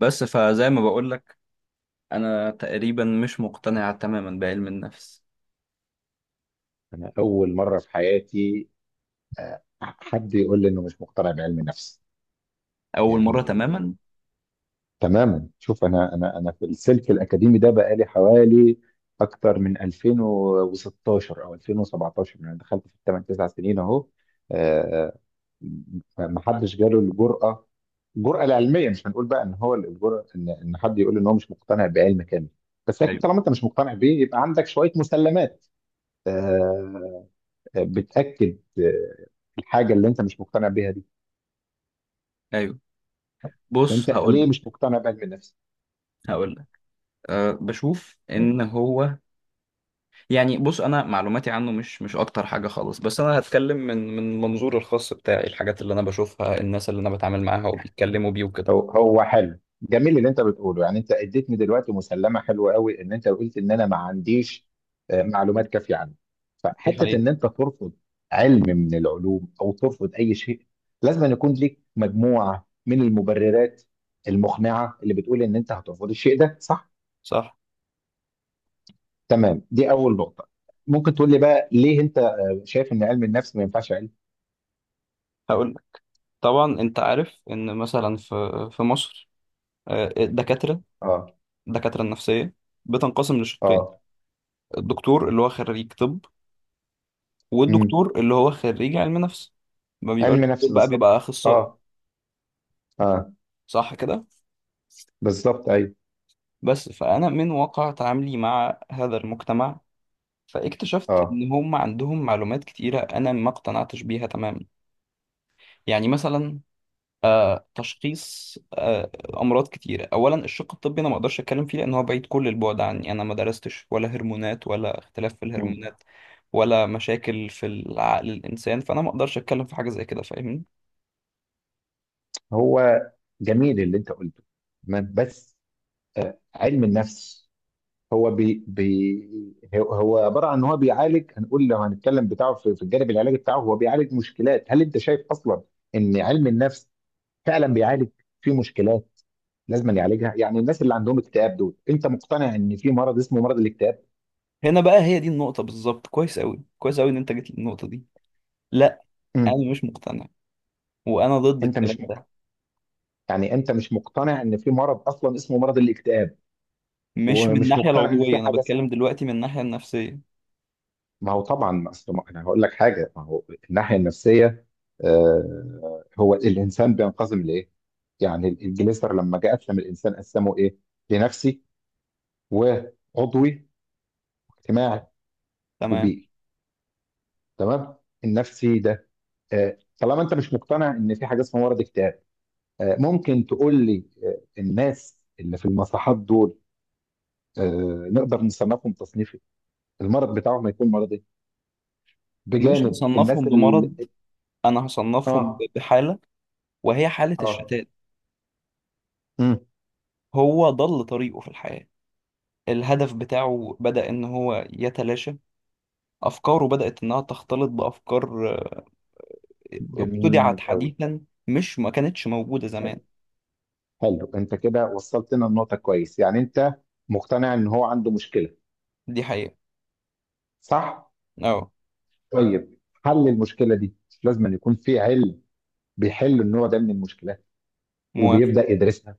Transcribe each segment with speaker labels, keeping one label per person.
Speaker 1: بس فزي ما بقول لك. انا تقريبا مش مقتنع تماما بعلم النفس.
Speaker 2: انا اول مره في حياتي، حد يقول لي انه مش مقتنع بعلم النفس
Speaker 1: اول مره
Speaker 2: يعني.
Speaker 1: تماما.
Speaker 2: تماما، شوف، انا في السلك الاكاديمي ده بقالي حوالي اكتر من 2016 او 2017، يعني دخلت في 8 9 سنين اهو. آه، ما حدش جاله الجرأه العلميه. مش هنقول بقى ان هو الجرأه ان حد يقول ان هو مش مقتنع بعلم كامل، بس اكيد
Speaker 1: ايوه،
Speaker 2: طالما انت مش مقتنع بيه يبقى عندك شويه مسلمات آه، بتاكد الحاجه اللي انت مش مقتنع بيها دي.
Speaker 1: ايوه. بص
Speaker 2: فانت
Speaker 1: هقول
Speaker 2: ليه
Speaker 1: لك.
Speaker 2: مش مقتنع بعلم النفس؟
Speaker 1: هقول لك أه بشوف ان
Speaker 2: مم.
Speaker 1: هو، يعني بص، انا معلوماتي عنه مش اكتر حاجه خالص، بس انا هتكلم من منظور الخاص بتاعي، الحاجات اللي انا بشوفها، الناس اللي انا بتعامل معاها وبيتكلموا بيه وكده.
Speaker 2: هو حلو، جميل اللي انت بتقوله. يعني انت اديتني دلوقتي مسلمه حلوه قوي ان انت قلت ان انا ما عنديش معلومات كافيه عنه.
Speaker 1: دي
Speaker 2: فحته
Speaker 1: حقيقة.
Speaker 2: ان انت ترفض علم من العلوم او ترفض اي شيء، لازم أن يكون ليك مجموعه من المبررات المقنعه اللي بتقول ان انت هترفض الشيء ده، صح؟
Speaker 1: صح.
Speaker 2: تمام، دي اول نقطه. ممكن تقول لي بقى ليه انت شايف ان علم النفس ما ينفعش علم؟
Speaker 1: هقول لك. طبعا انت عارف ان مثلا في مصر، آه، الدكاتره
Speaker 2: اه،
Speaker 1: الدكاتره النفسيه بتنقسم لشقين،
Speaker 2: اه،
Speaker 1: الدكتور اللي هو خريج طب،
Speaker 2: امم
Speaker 1: والدكتور اللي هو خريج علم نفس. ما بيبقاش
Speaker 2: علم
Speaker 1: دكتور،
Speaker 2: نفس
Speaker 1: بقى
Speaker 2: بالظبط.
Speaker 1: بيبقى اخصائي،
Speaker 2: اه، اه،
Speaker 1: صح كده.
Speaker 2: بالظبط، ايوه.
Speaker 1: بس فانا من واقع تعاملي مع هذا المجتمع، فاكتشفت
Speaker 2: اه.
Speaker 1: ان هم عندهم معلومات كتيره انا ما اقتنعتش بيها تماما. يعني مثلا تشخيص امراض كتيره. اولا الشق الطبي انا ما اقدرش اتكلم فيه، لان هو بعيد كل البعد عني، انا ما درستش ولا هرمونات ولا اختلاف في
Speaker 2: مم.
Speaker 1: الهرمونات ولا مشاكل في العقل الانسان، فانا ما اقدرش اتكلم في حاجه زي كده، فاهمني؟
Speaker 2: هو جميل اللي انت قلته، تمام، بس علم النفس هو عباره عن ان هو بيعالج. هنقول لو هنتكلم بتاعه في الجانب العلاجي بتاعه، هو بيعالج مشكلات. هل انت شايف اصلا ان علم النفس فعلا بيعالج في مشكلات لازم يعالجها؟ يعني الناس اللي عندهم اكتئاب دول، انت مقتنع ان في مرض اسمه مرض الاكتئاب؟
Speaker 1: هنا بقى هي دي النقطة بالظبط. كويس أوي، كويس أوي إن أنت جيت للنقطة دي. لا،
Speaker 2: امم
Speaker 1: أنا مش مقتنع، وأنا ضد
Speaker 2: انت
Speaker 1: الكلام
Speaker 2: مش
Speaker 1: ده.
Speaker 2: يعني انت مش مقتنع ان في مرض اصلا اسمه مرض الاكتئاب؟
Speaker 1: مش من
Speaker 2: ومش
Speaker 1: الناحية
Speaker 2: مقتنع ان في
Speaker 1: العضوية، أنا
Speaker 2: حاجه
Speaker 1: بتكلم
Speaker 2: اسمها.
Speaker 1: دلوقتي من الناحية النفسية.
Speaker 2: ما هو طبعا، ما أصل ما- انا هقول لك حاجه. ما هو الناحيه النفسيه، هو الانسان بينقسم لايه؟ يعني الجليسر لما جه قسم الانسان قسمه ايه؟ لنفسي، وعضوي، واجتماعي،
Speaker 1: تمام.
Speaker 2: وبيئي، تمام؟ النفسي ده، طالما انت مش مقتنع ان في حاجه اسمها مرض اكتئاب، ممكن تقول لي الناس اللي في المصحات دول نقدر نصنفهم تصنيف، المرض بتاعهم هيكون مرض ايه،
Speaker 1: مش
Speaker 2: بجانب الناس
Speaker 1: هصنفهم بمرض،
Speaker 2: اللي؟
Speaker 1: أنا هصنفهم
Speaker 2: اه،
Speaker 1: بحالة، وهي حالة
Speaker 2: اه،
Speaker 1: الشتات.
Speaker 2: امم
Speaker 1: هو ضل طريقه في الحياة، الهدف بتاعه بدأ إن هو يتلاشى، أفكاره بدأت إنها تختلط بأفكار ابتدعت
Speaker 2: جميل قوي.
Speaker 1: حديثا، مش ما كانتش موجودة زمان.
Speaker 2: حلو، حلو، انت كده وصلت لنا النقطة كويس. يعني انت مقتنع ان هو عنده مشكلة،
Speaker 1: دي حقيقة.
Speaker 2: صح؟
Speaker 1: أه.
Speaker 2: طيب، حل المشكلة دي لازم أن يكون في علم بيحل النوع ده من المشكلات،
Speaker 1: موافق.
Speaker 2: وبيبدأ يدرسها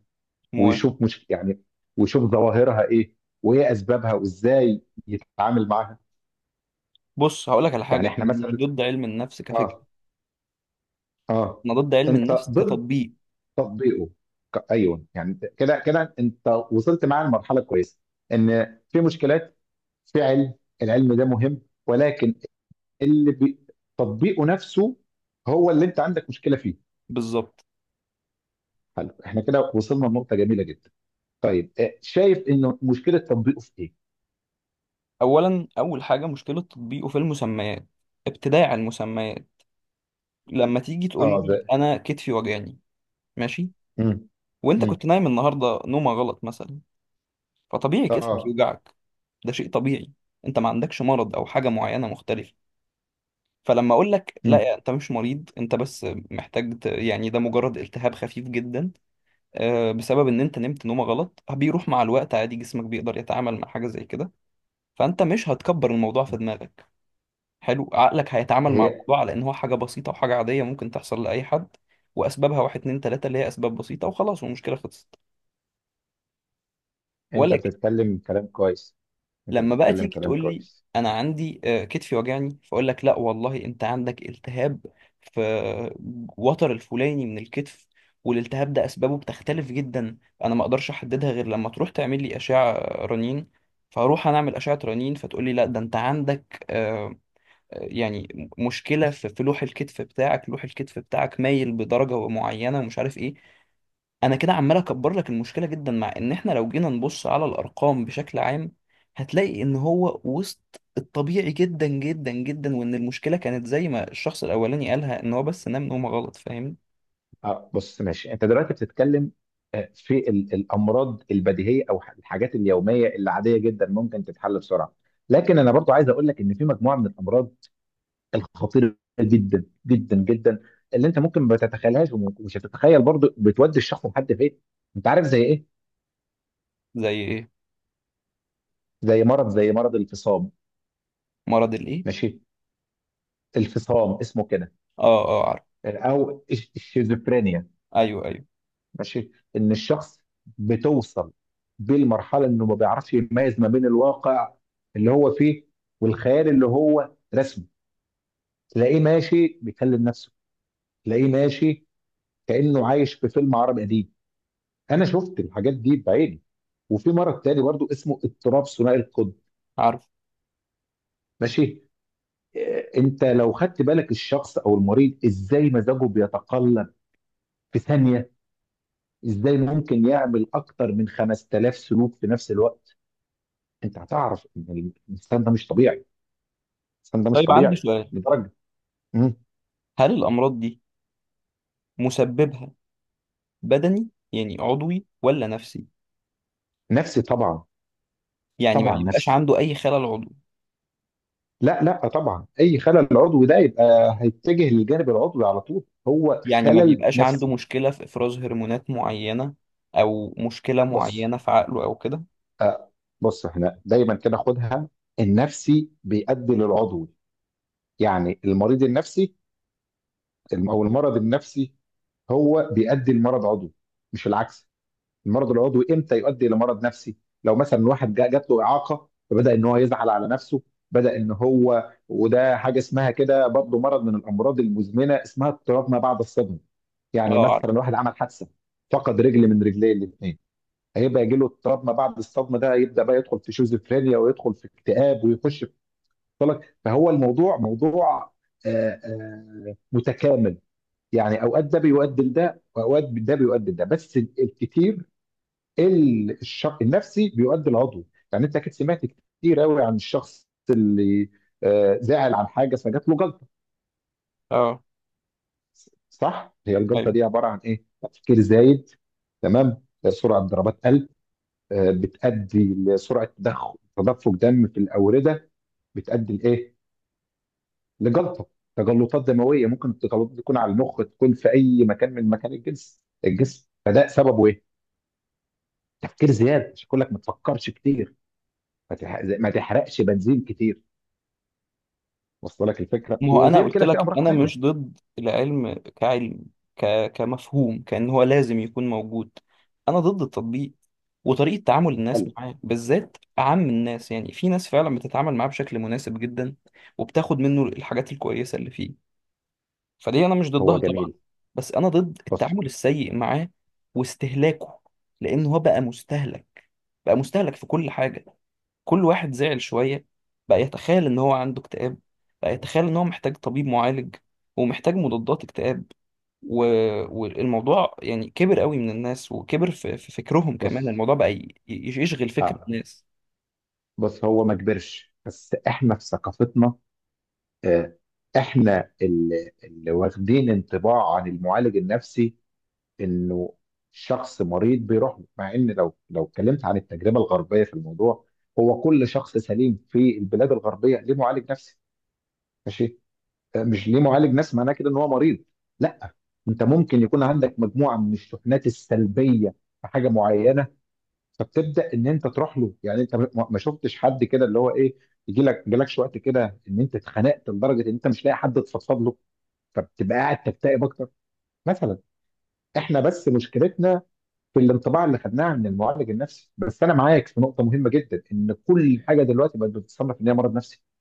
Speaker 1: موافق.
Speaker 2: ويشوف مش يعني ويشوف ظواهرها ايه، وايه اسبابها، وازاي يتعامل معاها.
Speaker 1: بص هقول لك على
Speaker 2: يعني
Speaker 1: حاجه،
Speaker 2: احنا
Speaker 1: انا مش
Speaker 2: مثلا.
Speaker 1: ضد علم النفس كفكره،
Speaker 2: اه، اه،
Speaker 1: انا ضد علم
Speaker 2: انت
Speaker 1: النفس
Speaker 2: ضد
Speaker 1: كتطبيق.
Speaker 2: تطبيقه، ايوه يعني كده كده. انت وصلت معاه لمرحله كويسه، ان في مشكلات، في علم، العلم ده مهم، ولكن اللي بي... تطبيقه نفسه هو اللي انت عندك مشكله فيه.
Speaker 1: بالظبط.
Speaker 2: حلو، احنا كده وصلنا لنقطه جميله جدا. طيب، شايف انه مشكله تطبيقه في ايه؟
Speaker 1: اولا اول حاجه مشكله تطبيقه في المسميات، ابتداع المسميات. لما تيجي تقول
Speaker 2: اه، ده.
Speaker 1: لي انا كتفي وجعني، ماشي،
Speaker 2: مم.
Speaker 1: وانت
Speaker 2: مم.
Speaker 1: كنت نايم النهارده نومه غلط مثلا، فطبيعي كتفك
Speaker 2: اه.
Speaker 1: يوجعك، ده شيء طبيعي، انت ما عندكش مرض او حاجه معينه مختلفه. فلما اقول لك
Speaker 2: مم.
Speaker 1: لا، انت مش مريض، انت بس محتاج يعني ده مجرد التهاب خفيف جدا بسبب ان انت نمت نومه غلط، بيروح مع الوقت عادي، جسمك بيقدر يتعامل مع حاجه زي كده، فانت مش هتكبر الموضوع في
Speaker 2: مم.
Speaker 1: دماغك. حلو، عقلك هيتعامل مع
Speaker 2: هي،
Speaker 1: الموضوع على ان هو حاجه بسيطه وحاجه عاديه ممكن تحصل لاي حد، واسبابها واحد اتنين تلاته، اللي هي اسباب بسيطه وخلاص، والمشكله خلصت.
Speaker 2: انت
Speaker 1: ولكن
Speaker 2: بتتكلم كلام كويس. انت
Speaker 1: لما بقى
Speaker 2: بتتكلم
Speaker 1: تيجي
Speaker 2: كلام
Speaker 1: تقول لي،
Speaker 2: كويس.
Speaker 1: انا عندي كتفي وجعني، فاقول لك لا والله، انت عندك التهاب في وتر الفلاني من الكتف، والالتهاب ده اسبابه بتختلف جدا، انا ما اقدرش احددها غير لما تروح تعمل لي اشعه رنين. فاروح انا اعمل اشعه رنين، فتقول لي لا، ده انت عندك يعني مشكله في لوح الكتف بتاعك، لوح الكتف بتاعك مايل بدرجه معينه ومش عارف ايه. انا كده عمال اكبر لك المشكله جدا، مع ان احنا لو جينا نبص على الارقام بشكل عام هتلاقي ان هو وسط الطبيعي جدا جدا جدا، وان المشكله كانت زي ما الشخص الاولاني قالها، ان هو بس نام نومه غلط، فاهم؟
Speaker 2: اه، بص، ماشي، انت دلوقتي بتتكلم في الامراض البديهيه، او الحاجات اليوميه اللي عاديه جدا ممكن تتحل بسرعه. لكن انا برضو عايز اقول لك ان في مجموعه من الامراض الخطيره جدا جدا جدا اللي انت ممكن ما تتخيلهاش، ومش هتتخيل برضو، بتودي الشخص لحد فين. انت عارف زي ايه؟
Speaker 1: زي ايه؟
Speaker 2: زي مرض الفصام،
Speaker 1: مرض الايه؟
Speaker 2: ماشي؟ الفصام اسمه كده،
Speaker 1: اه، اه عارف.
Speaker 2: او الشيزوفرينيا،
Speaker 1: ايوه، ايوه
Speaker 2: ماشي؟ ان الشخص بتوصل بيه المرحله انه ما بيعرفش يميز ما بين الواقع اللي هو فيه والخيال اللي هو رسمه. تلاقيه ماشي بيكلم نفسه، تلاقيه ماشي كانه عايش في فيلم عربي قديم. انا شفت الحاجات دي بعيني. وفي مرض تاني برضو اسمه اضطراب ثنائي القطب،
Speaker 1: عارف.
Speaker 2: ماشي؟ إيه، انت لو خدت بالك الشخص او المريض ازاي مزاجه بيتقلب في ثانيه، ازاي ممكن يعمل اكتر من 5000 سلوك في نفس الوقت، انت هتعرف ان الانسان ده مش طبيعي. الانسان ده مش
Speaker 1: طيب عندي
Speaker 2: طبيعي
Speaker 1: سؤال،
Speaker 2: لدرجه. مم.
Speaker 1: هل الامراض دي مسببها بدني يعني عضوي ولا نفسي؟
Speaker 2: نفسي طبعا.
Speaker 1: يعني ما
Speaker 2: طبعا
Speaker 1: بيبقاش
Speaker 2: نفسي.
Speaker 1: عنده اي خلل عضوي؟
Speaker 2: لا، لا، طبعا اي خلل عضوي ده يبقى هيتجه للجانب العضوي على طول. هو
Speaker 1: يعني ما
Speaker 2: خلل
Speaker 1: بيبقاش عنده
Speaker 2: نفسي.
Speaker 1: مشكلة في إفراز هرمونات معينة أو مشكلة
Speaker 2: بص،
Speaker 1: معينة في عقله أو كده؟
Speaker 2: آه بص، احنا دايما كده خدها: النفسي بيؤدي للعضوي. يعني المريض النفسي او المرض النفسي هو بيؤدي لمرض عضوي، مش العكس. المرض العضوي امتى يؤدي الى مرض نفسي؟ لو مثلا واحد جات له اعاقه، فبدا ان هو يزعل على نفسه، بدا ان هو، وده حاجه اسمها كده برضه مرض من الامراض المزمنه اسمها اضطراب ما بعد الصدمه.
Speaker 1: اه
Speaker 2: يعني
Speaker 1: عارف.
Speaker 2: مثلا واحد عمل حادثه فقد رجل من رجليه الاثنين، هيبقى يجي له اضطراب ما بعد الصدمه، ده يبدا بقى يدخل في شيزوفرينيا ويدخل في اكتئاب ويخش في طلق. فهو الموضوع موضوع متكامل. يعني اوقات ده بيؤدي لده واوقات ده بيؤدي لده، بس الكتير الشق النفسي بيؤدي العضوي. يعني انت اكيد سمعت كتير قوي عن الشخص اللي زعل عن حاجه فجات له جلطه،
Speaker 1: اه.
Speaker 2: صح؟ هي الجلطه
Speaker 1: أيوه.
Speaker 2: دي عباره عن ايه؟ تفكير زايد، تمام، سرعه ضربات قلب، بتؤدي لسرعه تدفق دم في الاورده، بتؤدي لايه؟ لجلطه، تجلطات دمويه، ممكن التجلطات دي تكون على المخ، تكون في اي مكان من مكان الجسم. فده سببه ايه؟ تفكير زياده، عشان كلك ما تفكرش كتير، ما تحرقش بنزين كتير. وصل لك الفكره؟
Speaker 1: ما هو أنا
Speaker 2: وغير
Speaker 1: قلت
Speaker 2: كده في
Speaker 1: لك،
Speaker 2: امراض
Speaker 1: أنا مش
Speaker 2: تانية.
Speaker 1: ضد العلم كعلم، كمفهوم، كأن هو لازم يكون موجود. أنا ضد التطبيق، وطريقة تعامل الناس
Speaker 2: حلو.
Speaker 1: معاه بالذات أعم الناس. يعني في ناس فعلا بتتعامل معاه بشكل مناسب جدا، وبتاخد منه الحاجات الكويسة اللي فيه، فدي انا مش
Speaker 2: هو
Speaker 1: ضدها طبعا.
Speaker 2: جميل.
Speaker 1: بس انا ضد
Speaker 2: بص،
Speaker 1: التعامل السيء معاه، واستهلاكه، لان هو بقى مستهلك، بقى مستهلك في كل حاجه. كل واحد زعل شويه بقى يتخيل ان هو عنده اكتئاب، بقى يتخيل ان هو محتاج طبيب معالج ومحتاج مضادات اكتئاب و... والموضوع يعني كبر قوي من الناس، وكبر في فكرهم كمان،
Speaker 2: بص،
Speaker 1: الموضوع بقى يشغل فكر
Speaker 2: آه.
Speaker 1: الناس.
Speaker 2: بص هو ما كبرش، بس احنا في ثقافتنا، آه. احنا اللي واخدين انطباع عن المعالج النفسي انه شخص مريض بيروح له. مع ان لو اتكلمت عن التجربه الغربيه في الموضوع، هو كل شخص سليم في البلاد الغربيه ليه معالج نفسي، ماشي؟ مش ليه معالج، ناس، معناه كده ان هو مريض، لا. انت ممكن يكون عندك مجموعه من الشحنات السلبيه في حاجه معينه، فبتبدا ان انت تروح له. يعني انت ما شفتش حد كده، اللي هو ايه، يجي لك جالكش وقت كده ان انت اتخنقت لدرجه ان انت مش لاقي حد تفضفض له، فبتبقى قاعد تكتئب اكتر مثلا. احنا بس مشكلتنا في الانطباع اللي خدناه عن المعالج النفسي. بس انا معاك في نقطه مهمه جدا، ان كل حاجه دلوقتي بقت بتتصنف ان هي مرض نفسي.